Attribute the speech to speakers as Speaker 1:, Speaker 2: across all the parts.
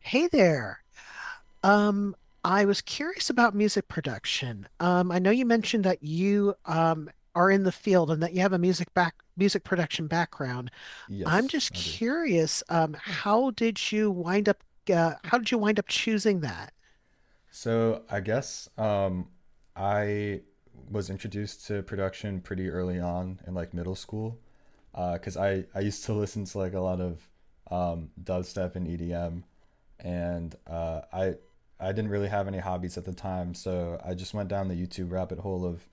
Speaker 1: Hey there. Um, I was curious about music production. I know you mentioned that you are in the field and that you have a music production background. I'm
Speaker 2: Yes,
Speaker 1: just
Speaker 2: I do.
Speaker 1: curious, how did you wind up choosing that?
Speaker 2: So I guess I was introduced to production pretty early on in like middle school because I used to listen to like a lot of dubstep and EDM and I didn't really have any hobbies at the time, so I just went down the YouTube rabbit hole of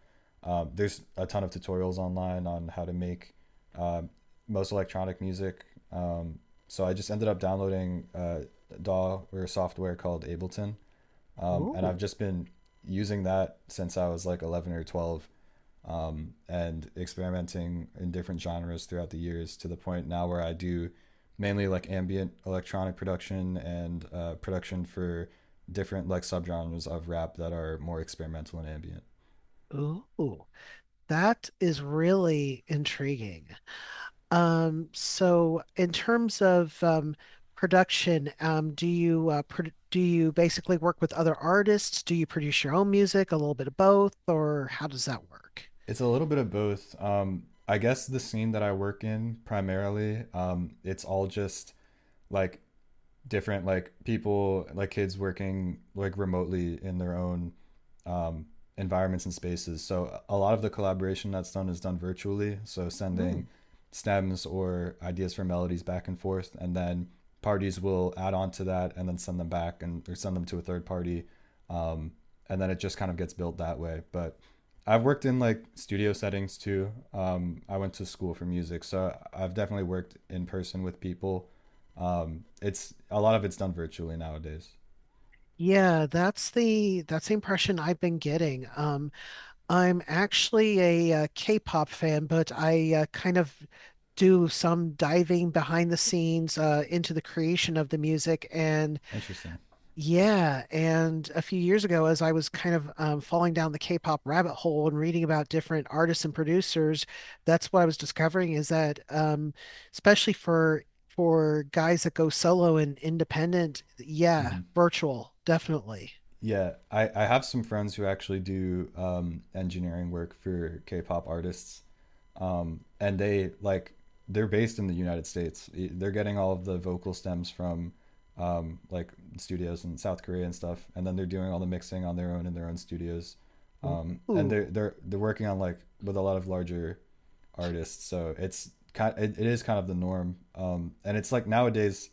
Speaker 2: there's a ton of tutorials online on how to make uh, most electronic music um, so I just ended up downloading DAW or software called Ableton. And I've
Speaker 1: Ooh,
Speaker 2: just been using that since I was like 11 or 12, and experimenting in different genres throughout the years to the point now where I do mainly like ambient electronic production and production for different like subgenres of rap that are more experimental and ambient.
Speaker 1: ooh, that is really intriguing. So in terms of production, do you pro do you basically work with other artists? Do you produce your own music, a little bit of both, or how does that work?
Speaker 2: It's a little bit of both. I guess the scene that I work in primarily, it's all just like different like people like kids working like remotely in their own um, environments and spaces, so a lot of the collaboration that's done is done virtually, so sending
Speaker 1: Mm.
Speaker 2: stems or ideas for melodies back and forth, and then parties will add on to that and then send them back and or send them to a third party, um, and then it just kind of gets built that way. But I've worked in like studio settings too. I went to school for music, so I've definitely worked in person with people. It's a lot of it's done virtually nowadays.
Speaker 1: Yeah, that's the impression I've been getting. I'm actually a, K-pop fan, but I kind of do some diving behind the scenes into the creation of the music, and
Speaker 2: Interesting.
Speaker 1: yeah, and a few years ago, as I was kind of falling down the K-pop rabbit hole and reading about different artists and producers, that's what I was discovering is that, especially for guys that go solo and independent, yeah,
Speaker 2: Hmm.
Speaker 1: virtual, definitely.
Speaker 2: Yeah, I have some friends who actually do engineering work for K-pop artists, and they like they're based in the United States. I- They're getting all of the vocal stems from like studios in South Korea and stuff, and then they're doing all the mixing on their own in their own studios. And they're
Speaker 1: Ooh,
Speaker 2: they're they're working on like with a lot of larger artists, so it's kind it, it is kind of the norm. And it's like nowadays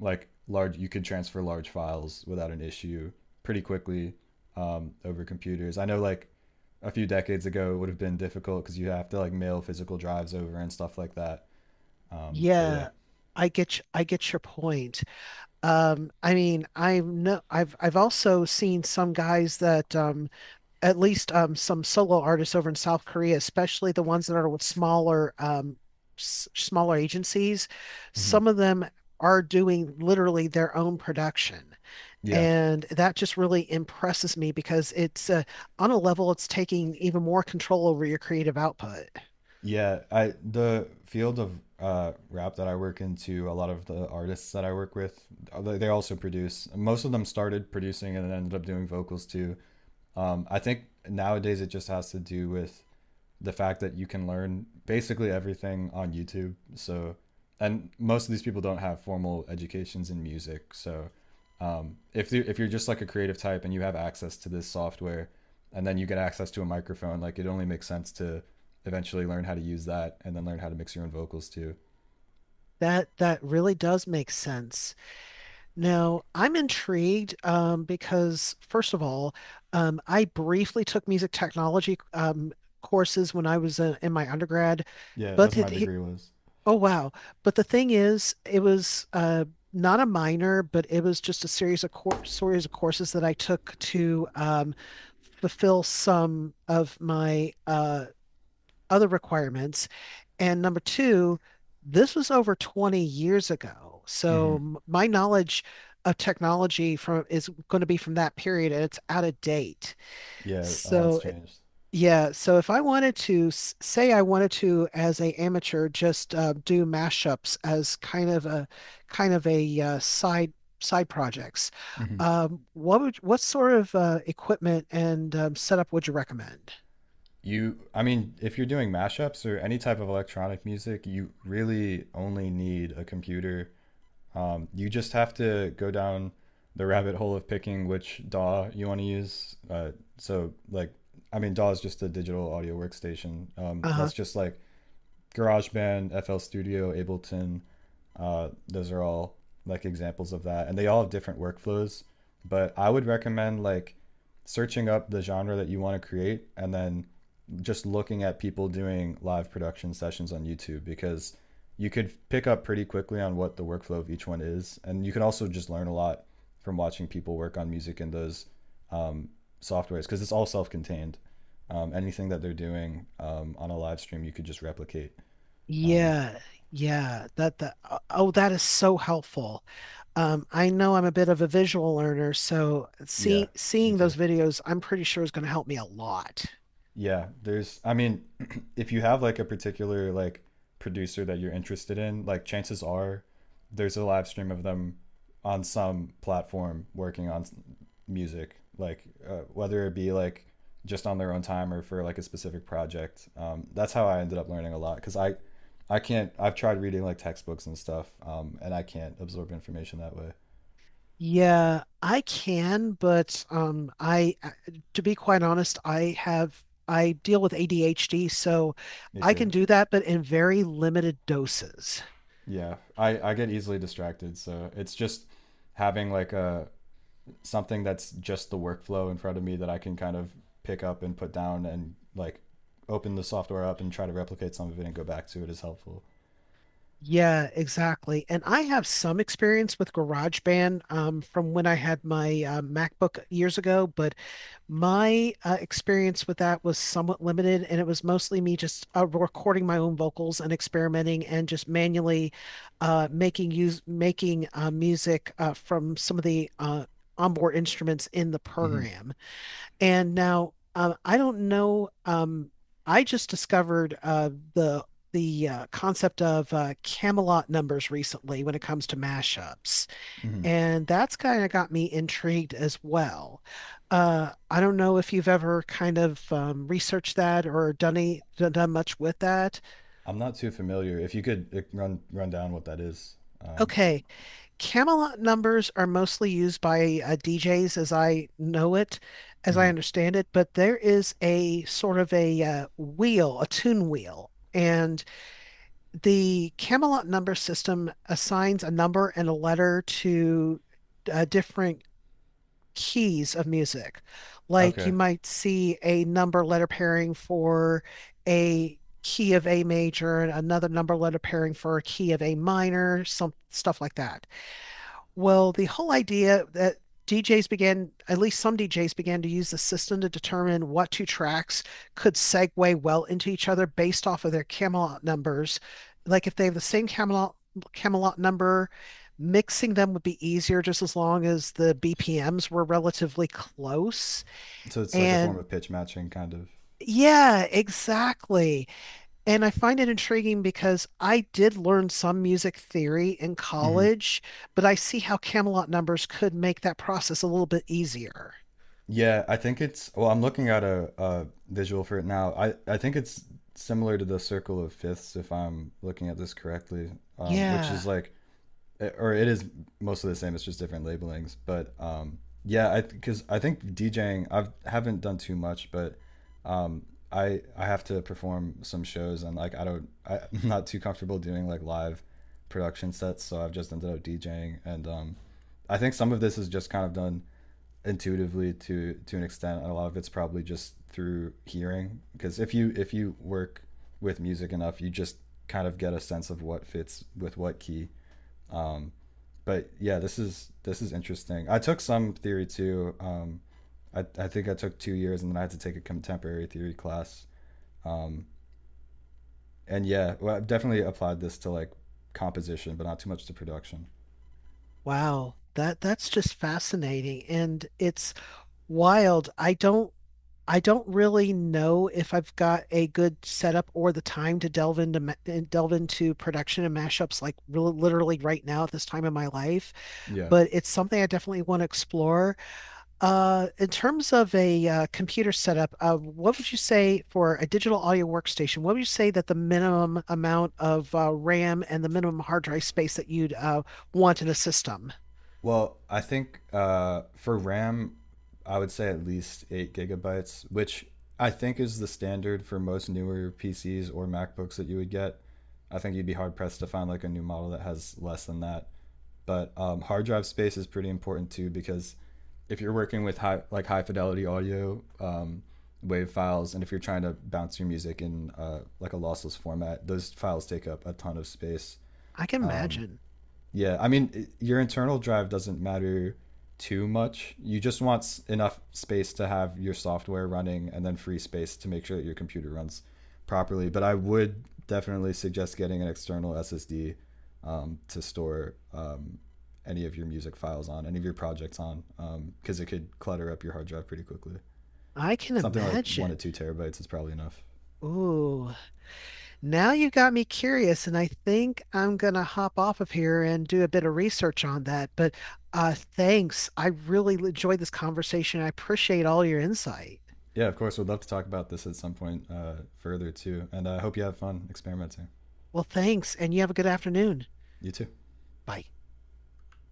Speaker 2: like large, you can transfer large files without an issue pretty quickly over computers. I know like a few decades ago it would have been difficult because you have to like mail physical drives over and stuff like that. But yeah,
Speaker 1: yeah, I get your point. I mean, I know I've also seen some guys that at least some solo artists over in South Korea, especially the ones that are with smaller smaller agencies.
Speaker 2: hmm,
Speaker 1: Some of them are doing literally their own production.
Speaker 2: yeah,
Speaker 1: And that just really impresses me because it's on a level it's taking even more control over your creative output.
Speaker 2: yeah. I the field of rap that I work into, a lot of the artists that I work with, they also produce. Most of them started producing and ended up doing vocals too. I think nowadays it just has to do with the fact that you can learn basically everything on YouTube. So, and most of these people don't have formal educations in music. So, if you if you're just like a creative type and you have access to this software, and then you get access to a microphone, like it only makes sense to eventually learn how to use that and then learn how to mix your own vocals too.
Speaker 1: That really does make sense. Now, I'm intrigued because, first of all, I briefly took music technology courses when I was in my undergrad,
Speaker 2: Yeah, that's
Speaker 1: but
Speaker 2: what my degree was.
Speaker 1: oh wow! But the thing is, it was not a minor, but it was just a series of courses that I took to fulfill some of my other requirements. And number two, this was over 20 years ago.
Speaker 2: Mm-hmm.
Speaker 1: So my knowledge of technology from is going to be from that period and it's out of date.
Speaker 2: Yeah, a lot's
Speaker 1: So eh,
Speaker 2: changed.
Speaker 1: yeah, so if I wanted to say I wanted to as a amateur just do mashups as kind of a side projects,
Speaker 2: Mm-hmm.
Speaker 1: what would what sort of equipment and setup would you recommend?
Speaker 2: You, I mean, if you're doing mashups or any type of electronic music, you really only need a computer. You just have to go down the rabbit hole of picking which DAW you want to use. So, like, I mean, DAW is just a digital audio workstation.
Speaker 1: Uh-huh.
Speaker 2: That's just like GarageBand, FL Studio, Ableton. Those are all like examples of that, and they all have different workflows. But I would recommend like searching up the genre that you want to create and then just looking at people doing live production sessions on YouTube, because you could pick up pretty quickly on what the workflow of each one is. And you can also just learn a lot from watching people work on music in those um, softwares, because it's all self contained. Anything that they're doing on a live stream, you could just replicate. Um,
Speaker 1: Yeah. Yeah. That that is so helpful. I know I'm a bit of a visual learner, so
Speaker 2: yeah, me
Speaker 1: seeing
Speaker 2: too.
Speaker 1: those videos, I'm pretty sure is going to help me a lot.
Speaker 2: Yeah, there's I mean, if you have like a particular like producer that you're interested in, like chances are there's a live stream of them on some platform working on s- music, like whether it be like just on their own time or for like a specific project. That's how I ended up learning a lot, because I can't I've tried reading like textbooks and stuff, and I can't absorb information that way.
Speaker 1: Yeah, I can, but to be quite honest, I have I deal with ADHD, so
Speaker 2: Me
Speaker 1: I
Speaker 2: too.
Speaker 1: can do that, but in very limited doses.
Speaker 2: Yeah, I get easily distracted, so it's just having like a something that's just the workflow in front of me that I can kind of pick up and put down and like open the software up and try to replicate some of it and go back to it is helpful.
Speaker 1: Yeah, exactly. And I have some experience with GarageBand from when I had my MacBook years ago, but my experience with that was somewhat limited, and it was mostly me just recording my own vocals and experimenting and just manually making music from some of the onboard instruments in the
Speaker 2: Mm-hmm.
Speaker 1: program. And now I don't know. I just discovered the the concept of Camelot numbers recently when it comes to mashups.
Speaker 2: Mm-hmm.
Speaker 1: And that's kind of got me intrigued as well. I don't know if you've ever kind of researched that or done done much with that.
Speaker 2: I'm not too familiar. If you could run down what that is. Um,
Speaker 1: Okay, Camelot numbers are mostly used by DJs as I know it, as I
Speaker 2: mhm.
Speaker 1: understand it, but there is a sort of a wheel, a tune wheel. And the Camelot number system assigns a number and a letter to different keys of music. Like you
Speaker 2: Okay,
Speaker 1: might see a number letter pairing for a key of A major and another number letter pairing for a key of A minor, some stuff like that. Well, the whole idea that DJs began, at least some DJs began to use the system to determine what two tracks could segue well into each other based off of their Camelot numbers. Like if they have the same Camelot number, mixing them would be easier just as long as the BPMs were relatively close.
Speaker 2: so it's like a form
Speaker 1: And
Speaker 2: of pitch matching, kind of.
Speaker 1: yeah, exactly. And I find it intriguing because I did learn some music theory in
Speaker 2: Hmm.
Speaker 1: college, but I see how Camelot numbers could make that process a little bit easier.
Speaker 2: Yeah, I think it's. Well, I'm looking at a visual for it now. I think it's similar to the circle of fifths, if I'm looking at this correctly, which is
Speaker 1: Yeah.
Speaker 2: like or it is mostly the same. It's just different labelings. But yeah, I because I think DJing I've haven't done too much, but um, I have to perform some shows and like I don't I, I'm not too comfortable doing like live production sets, so I've just ended up DJing, and I think some of this is just kind of done intuitively to an extent, and a lot of it's probably just through hearing, because if you work with music enough, you just kind of get a sense of what fits with what key. Um, but yeah, this is interesting. I took some theory too. I think I took 2 years, and then I had to take a contemporary theory class. Um, and yeah, well, I've definitely applied this to like composition, but not too much to production.
Speaker 1: Wow. That that's just fascinating and it's wild. I don't really know if I've got a good setup or the time to delve into ma- and delve into production and mashups like real literally right now at this time in my life,
Speaker 2: Yeah.
Speaker 1: but it's something I definitely want to explore. In terms of a computer setup, what would you say for a digital audio workstation? What would you say that the minimum amount of RAM and the minimum hard drive space that you'd want in a system?
Speaker 2: Well, I think for RAM, I would say at least 8 GB, which I think is the standard for most newer PCs or MacBooks that you would get. I think you'd be hard pressed to find like a new model that has less than that. But hard drive space is pretty important too, because if you're working with high like high fidelity audio wave files, and if you're trying to bounce your music in like a lossless format, those files take up a ton of space.
Speaker 1: I can
Speaker 2: Um,
Speaker 1: imagine.
Speaker 2: yeah, I mean, your internal drive doesn't matter too much. You just want enough space to have your software running and then free space to make sure that your computer runs properly. But I would definitely suggest getting an external SSD to store any of your music files on, any of your projects on, because it could clutter up your hard drive pretty quickly.
Speaker 1: I can
Speaker 2: Something like one
Speaker 1: imagine.
Speaker 2: to two terabytes is probably enough.
Speaker 1: Ooh, now you got me curious, and I think I'm gonna hop off of here and do a bit of research on that. But thanks. I really enjoyed this conversation. I appreciate all your insight.
Speaker 2: Yeah, of course, we'd love to talk about this at some point further too. And I hope you have fun experimenting.
Speaker 1: Well, thanks, and you have a good afternoon.
Speaker 2: You too.
Speaker 1: Bye.